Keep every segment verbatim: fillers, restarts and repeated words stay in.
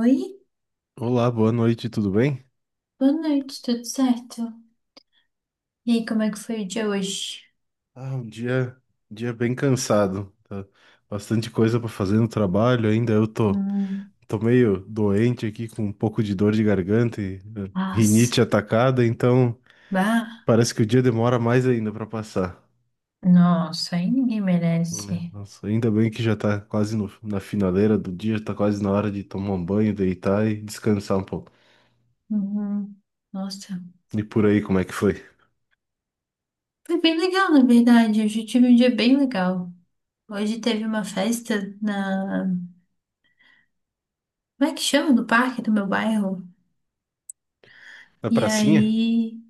Oi, Olá, boa noite, tudo bem? boa noite, tudo certo? E aí, como é que foi o dia hoje? Ah, um dia, um dia bem cansado. Tá bastante coisa para fazer no trabalho ainda. Eu tô, Hum, tô meio doente aqui, com um pouco de dor de garganta e eh, nossa, rinite atacada, então bah, parece que o dia demora mais ainda para passar. nossa, aí ninguém É, merece. nossa, ainda bem que já tá quase no- na finaleira do dia, tá quase na hora de tomar um banho, deitar e descansar um pouco. Uhum, nossa, E por aí, como é que foi? foi bem legal, na verdade, hoje eu tive um dia bem legal. Hoje teve uma festa na, como é que chama? No parque do meu bairro. Na E pracinha? aí,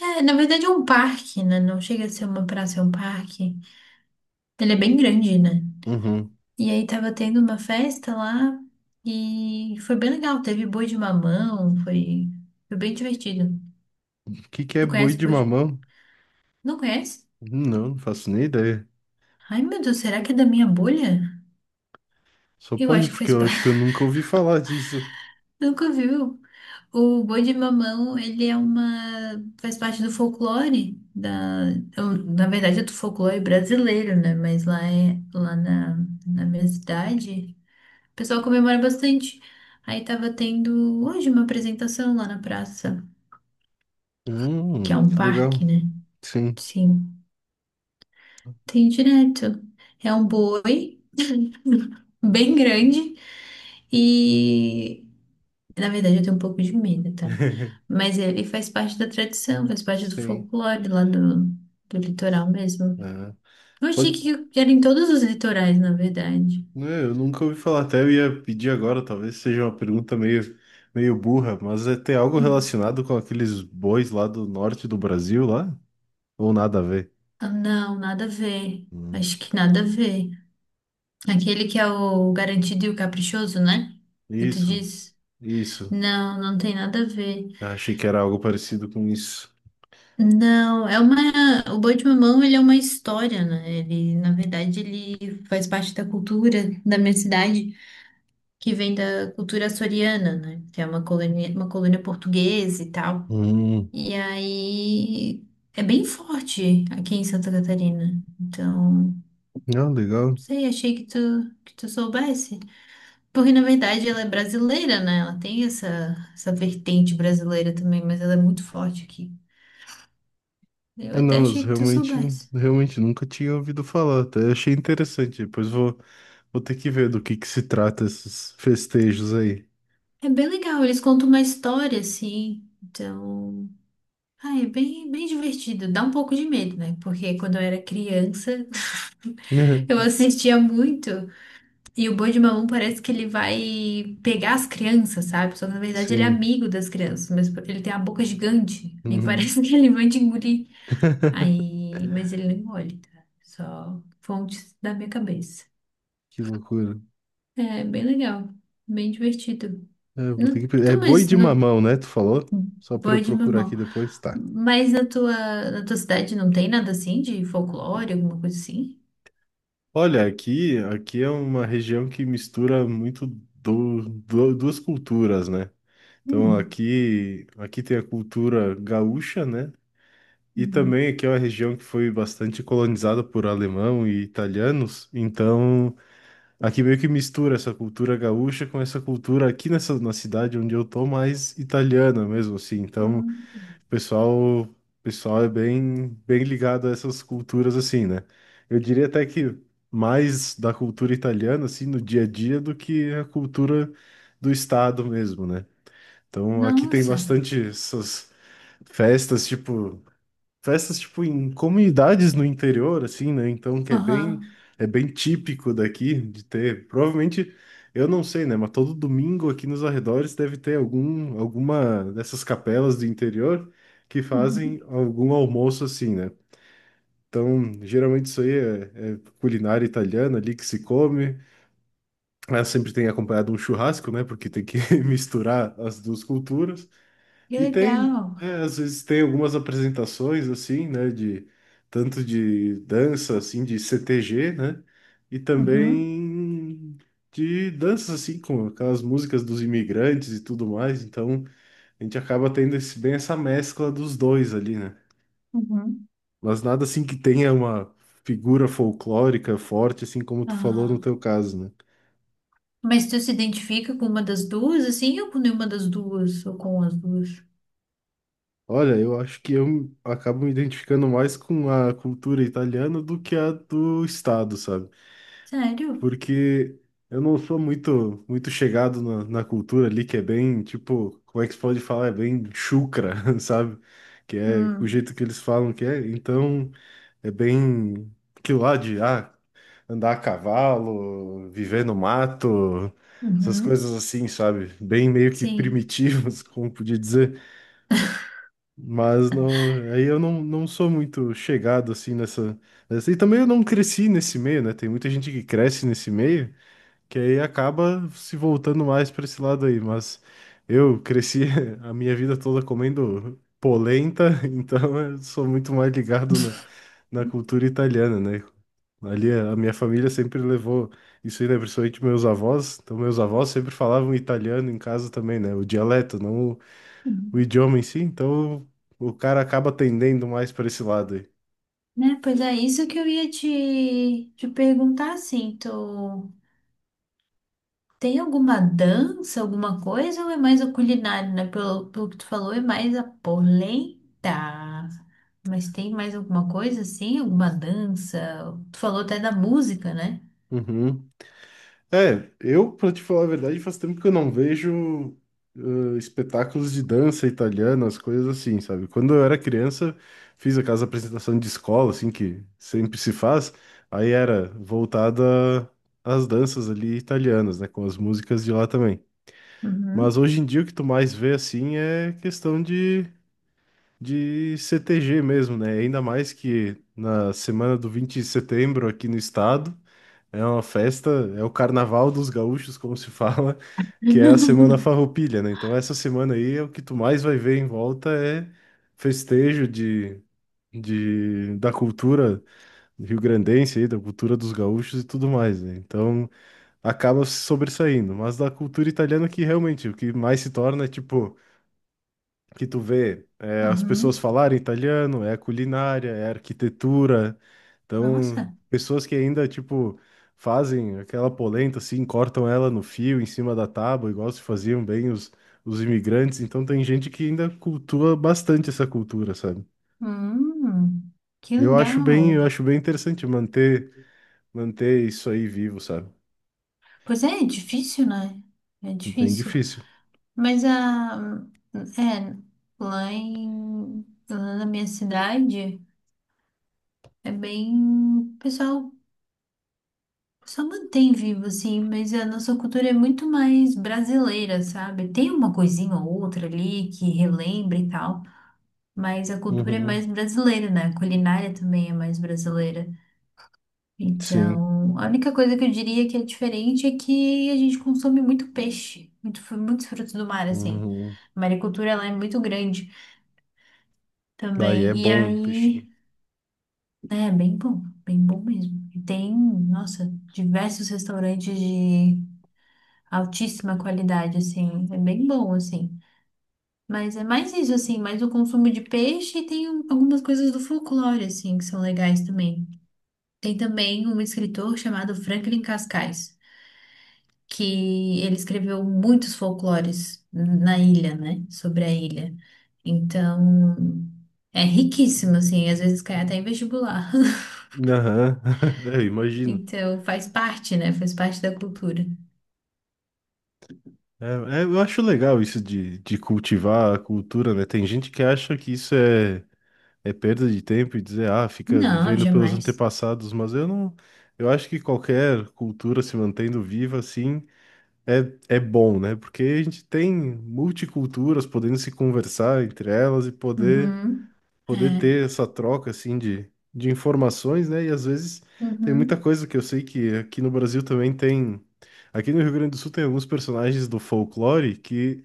é, na verdade é um parque, né? Não chega a ser uma praça, é um parque. Ele é bem grande, né? Uhum. E aí tava tendo uma festa lá e foi bem legal. Teve boi de mamão, foi, foi bem divertido. O que que é Tu boi conhece de boi de... mamão? Não conhece? Hum, Não, não faço nem ideia. Ai, meu Deus, será que é da minha bolha? Só Eu pode, acho que porque faz eu acho que eu parte. nunca ouvi falar disso. Nunca viu. O boi de mamão, ele é uma... faz parte do folclore da... eu- Na verdade é do folclore brasileiro, né? Mas lá, é... lá na... na minha cidade, o pessoal comemora bastante. Aí tava tendo hoje uma apresentação lá na praça. Que Hum, é um que parque, legal. né? Sim, Sim, tem direto. É um boi bem grande e, na verdade, eu tenho um pouco de medo, tá? Mas ele faz parte da tradição, faz parte do sim. folclore lá do, do litoral mesmo. É. Eu achei Pode. que era em todos os litorais, na verdade. Né, eu nunca ouvi falar. Até eu ia pedir agora, talvez seja uma pergunta meio, meio burra, mas é ter algo Hum. relacionado com aqueles bois lá do norte do Brasil, lá? Ou nada a ver? Ah, não, nada a ver. Hum. Acho que nada a ver. Aquele que é o garantido e o caprichoso, né? Que tu Isso, diz? isso. Não, não tem nada a ver. Achei que era algo parecido com isso. Não, é uma. O Boi de Mamão, ele é uma história, né? Ele, na verdade, ele faz parte da cultura da minha cidade, que vem da cultura açoriana, né? Que é uma colônia, uma colônia portuguesa e tal. Hum, E aí é bem forte aqui em Santa Catarina. Então, não ah, legal. sei, achei que tu, que tu soubesse. Porque, na verdade, ela é brasileira, né? Ela tem essa, essa vertente brasileira também, mas ela é muito forte aqui. Eu É, até não, eu achei que tu realmente, soubesse. realmente nunca tinha ouvido falar, até achei interessante. Depois vou, vou ter que ver do que que se trata esses festejos aí. É bem legal, eles contam uma história assim, então. Ah, é bem, bem divertido. Dá um pouco de medo, né? Porque quando eu era criança, eu assistia muito. E o Boi de Mamão parece que ele vai pegar as crianças, sabe? Só que na verdade ele é Sim. amigo das crianças, mas ele tem a boca gigante. Aí Uhum. parece que ele vai te engolir. Aí. Mas ele não engole, tá? Só fontes da minha cabeça. Que loucura. É bem legal, bem divertido. É, eu vou ter que... Não- pe- É Então, boi mas de não- mamão, né? Tu falou? Só para eu Boi de procurar mamão. aqui depois, tá. Mas na tua, na tua cidade não tem nada assim de folclore, alguma coisa assim? Olha, aqui, aqui é uma região que mistura muito do, do- duas culturas, né? Então Hum. aqui, aqui tem a cultura gaúcha, né? E também Hum. aqui é uma região que foi bastante colonizada por alemão e italianos, então aqui meio que mistura essa cultura gaúcha com essa cultura aqui nessa na cidade onde eu tô mais italiana mesmo assim. Então, o Hum. pessoal, o pessoal é bem bem ligado a essas culturas assim, né? Eu diria até que mais da cultura italiana assim no dia a dia do que a cultura do estado mesmo, né? Então, aqui tem Nossa. bastante essas festas, tipo festas tipo em comunidades no interior assim, né? Então que é bem Aham. é bem típico daqui de ter, provavelmente eu não sei, né, mas todo domingo aqui nos arredores deve ter algum alguma dessas capelas do interior que Uhum. fazem algum almoço assim, né? Então, geralmente isso aí é, é culinária italiana ali que se come. Ela sempre tem acompanhado um churrasco, né? Porque tem que misturar as duas culturas. Que E tem, legal. é, às vezes tem algumas apresentações assim, né, de tanto de dança assim de C T G né, e Uhum. também de danças assim com aquelas músicas dos imigrantes e tudo mais. Então a gente acaba tendo esse, bem essa mescla dos dois ali, né. Uhum. Mas nada assim que tenha uma figura folclórica forte assim como tu falou no Ah, teu caso, né. mas tu se identifica com uma das duas, assim, ou com nenhuma das duas, ou com as duas? Olha, eu acho que eu acabo me identificando mais com a cultura italiana do que a do estado, sabe? Sério? Porque eu não sou muito muito chegado na, na cultura ali, que é bem, tipo, como é que se pode falar? É bem chucra, sabe? Que é o Hum. jeito que eles falam que é. Então, é bem que lá de ah, andar a cavalo, viver no mato, essas Uhum. coisas assim, sabe? Bem meio que Sim. primitivas, como podia dizer. Mas não, aí eu não, não sou muito chegado assim nessa, nessa. E também eu não cresci nesse meio, né? Tem muita gente que cresce nesse meio que aí acaba se voltando mais para esse lado aí, mas eu cresci a minha vida toda comendo polenta, então eu sou muito mais ligado na, na cultura italiana, né? Ali a minha família sempre levou isso aí, né? Principalmente meus avós. Então, meus avós sempre falavam italiano em casa também, né? O dialeto, não o, o Uhum. idioma em si. Então, o cara acaba tendendo mais para esse lado aí. Né? Pois é, isso que eu ia te, te perguntar, assim, tu. Tem alguma dança, alguma coisa, ou é mais a culinária, né? Pelo, pelo que tu falou, é mais a polenta. Mas tem mais alguma coisa assim? Alguma dança? Tu falou até da música, né? Uhum. É, eu, pra te falar a verdade, faz tempo que eu não vejo ãh, espetáculos de dança italiana, as coisas assim, sabe? Quando eu era criança, fiz aquelas apresentações de escola, assim, que sempre se faz, aí era voltada às danças ali italianas, né? Com as músicas de lá também. Mas Uhum. hoje em dia o que tu mais vê, assim, é questão de, de C T G mesmo, né? Ainda mais que na semana do vinte de setembro aqui no estado. É uma festa, é o carnaval dos gaúchos, como se fala, que é a semana farroupilha, né? Então essa semana aí é o que tu mais vai ver em volta é festejo de, de da cultura rio-grandense aí, da cultura dos gaúchos e tudo mais, né? Então acaba se sobressaindo, mas da cultura italiana que realmente o que mais se torna é tipo que tu vê é, as pessoas Uhum. falarem italiano, é a culinária, é a arquitetura. Então, Nossa. pessoas que ainda, tipo, fazem aquela polenta assim, cortam ela no fio, em cima da tábua, igual se faziam bem os, os imigrantes. Então, tem gente que ainda cultua bastante essa cultura, sabe? Hum, que Eu acho legal. bem, eu acho bem interessante manter, manter isso aí vivo, sabe? Pois é, é difícil, né? É É bem difícil. difícil. Mas a é lá em lá na minha cidade é bem o pessoal só mantém vivo, sim, mas a nossa cultura é muito mais brasileira, sabe? Tem uma coisinha ou outra ali que relembra e tal, mas a cultura é Uhum, mais brasileira, né? A culinária também é mais brasileira. sim. Então, a única coisa que eu diria que é diferente é que a gente consome muito peixe, muito, fru- muitos frutos do mar, assim. Uhum. A maricultura, ela é muito grande Aí é também. E bom, peixinho. aí, é bem bom, bem bom mesmo. E tem, nossa, diversos restaurantes altíssima qualidade, assim, é bem bom, assim. Mas é mais isso, assim, mais o consumo de peixe e tem um- algumas coisas do folclore, assim, que são legais também. Tem também um escritor chamado Franklin Cascais, que ele escreveu muitos folclores na ilha, né, sobre a ilha. Então, é riquíssimo, assim, às vezes cai até em vestibular. Aham, eu imagino. Então, faz parte, né, faz parte da cultura. É, é, eu acho legal isso de, de cultivar a cultura, né? Tem gente que acha que isso é, é perda de tempo e dizer, ah, fica Não, vivendo pelos jamais. antepassados, mas eu não. Eu acho que qualquer cultura se mantendo viva assim é, é bom, né? Porque a gente tem multiculturas podendo se conversar entre elas e poder, Uhum. poder É. ter essa troca assim de, de informações, né? E às vezes tem muita Uhum. coisa que eu sei que aqui no Brasil também tem. Aqui no Rio Grande do Sul tem alguns personagens do folclore que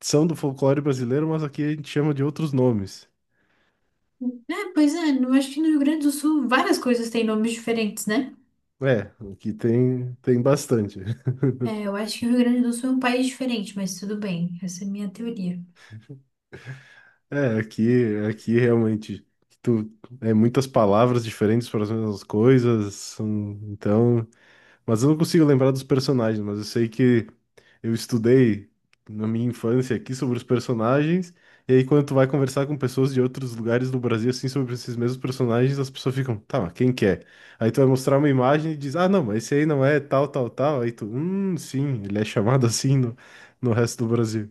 são do folclore brasileiro, mas aqui a gente chama de outros nomes. É, pois é, eu acho que no Rio Grande do Sul várias coisas têm nomes diferentes, né? É, aqui tem, tem bastante. É, eu acho que o Rio Grande do Sul é um país diferente, mas tudo bem, essa é a minha teoria. É, aqui, aqui realmente tu, é muitas palavras diferentes para as mesmas coisas, são- então Mas eu não consigo lembrar dos personagens, mas eu sei que eu estudei na minha infância aqui sobre os personagens, e aí quando tu vai conversar com pessoas de outros lugares do Brasil, assim, sobre esses mesmos personagens, as pessoas ficam, tá, mas quem que é? Aí tu vai mostrar uma imagem e diz, ah, não, mas esse aí não é tal, tal, tal. Aí tu, hum, sim, ele é chamado assim no, no resto do Brasil.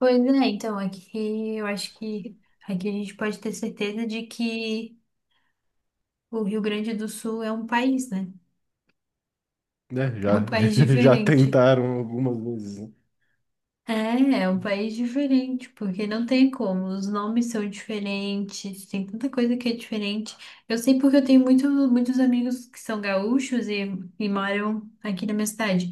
Pois é, então, aqui eu acho que aqui a gente pode ter certeza de que o Rio Grande do Sul é um país, né? Né, É um já, país já diferente. tentaram algumas vezes, né? É, é um país diferente, porque não tem como, os nomes são diferentes, tem tanta coisa que é diferente. Eu sei porque eu tenho muito, muitos amigos que são gaúchos e, e moram aqui na minha cidade.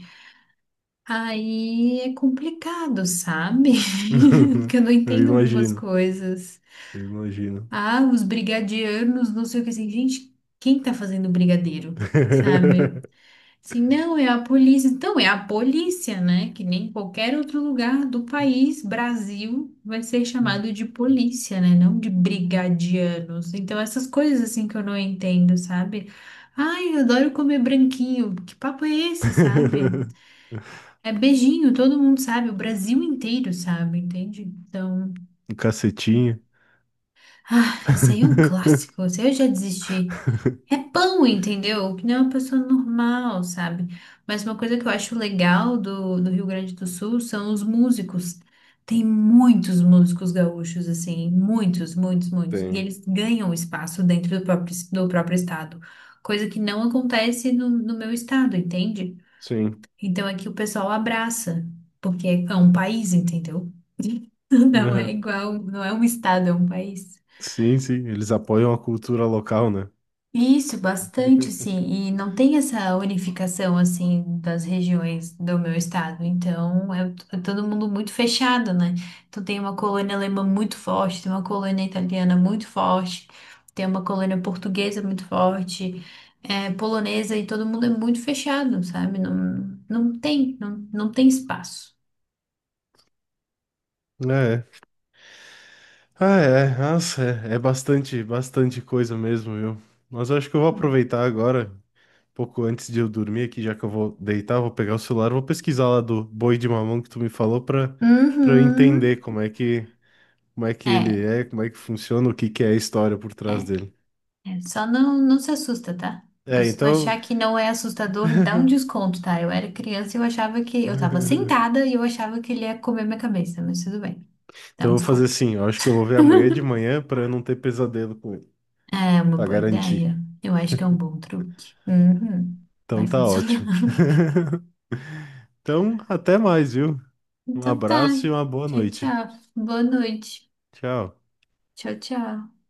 Aí é complicado, sabe? Porque eu não Eu entendo algumas imagino, coisas. eu imagino. Ah, os brigadianos, não sei o que assim. Gente, quem tá fazendo brigadeiro? Sabe? Assim, não, é a polícia. Então, é a polícia, né? Que nem qualquer outro lugar do país, Brasil, vai ser chamado de polícia, né? Não de brigadianos. Então, essas coisas assim que eu não entendo, sabe? Ai, eu adoro comer branquinho. Que papo é esse, sabe? É beijinho, todo mundo sabe, o Brasil inteiro sabe, entende? Então, Um eu- cacetinho. ah, esse aí é um clássico, esse aí eu já desisti. É pão, entendeu? Que não é uma pessoa normal, sabe? Mas uma coisa que eu acho legal do, do Rio Grande do Sul são os músicos. Tem muitos músicos gaúchos, assim, muitos, muitos, muitos. E Tem. eles ganham espaço dentro do próprio, do próprio estado, coisa que não acontece no, no meu estado, entende? Sim. Então aqui o pessoal abraça, porque é um país, entendeu? Não é Aham. igual, não é um estado, é um país. Sim, sim. Eles apoiam a cultura local, né? Isso, bastante, sim. E não tem essa unificação, assim, das regiões do meu estado. Então, é, é todo mundo muito fechado, né? Então, tem uma colônia alemã muito forte, tem uma colônia italiana muito forte, tem uma colônia portuguesa muito forte, é, polonesa, e todo mundo é muito fechado, sabe? Não, não tem, não, não tem espaço. É. Ah, é. Nossa, é, é bastante, bastante coisa mesmo, viu? Mas eu acho que eu vou aproveitar agora, um pouco antes de eu dormir aqui, já que eu vou deitar, vou pegar o celular, vou pesquisar lá do boi de mamão que tu me falou pra, pra eu Uhum. entender como é que, como é que É, ele é, como é que funciona, o que que é a história por trás é, dele. é. Só não, não se assusta, tá? É, Se tu então. achar que não é assustador, dá um desconto, tá? Eu era criança e eu achava que... Eu tava sentada e eu achava que ele ia comer minha cabeça, mas tudo bem. Dá Então um eu vou fazer desconto. assim, eu acho que eu vou ver amanhã de manhã pra eu não ter pesadelo com ele, É uma pra boa garantir. ideia. Eu acho que é um bom truque. Uhum. Então Vai tá funcionar. ótimo. Então, até mais, viu? Um Então tá. abraço e uma boa Tchau, noite. tchau. Boa noite. Tchau. Tchau, tchau.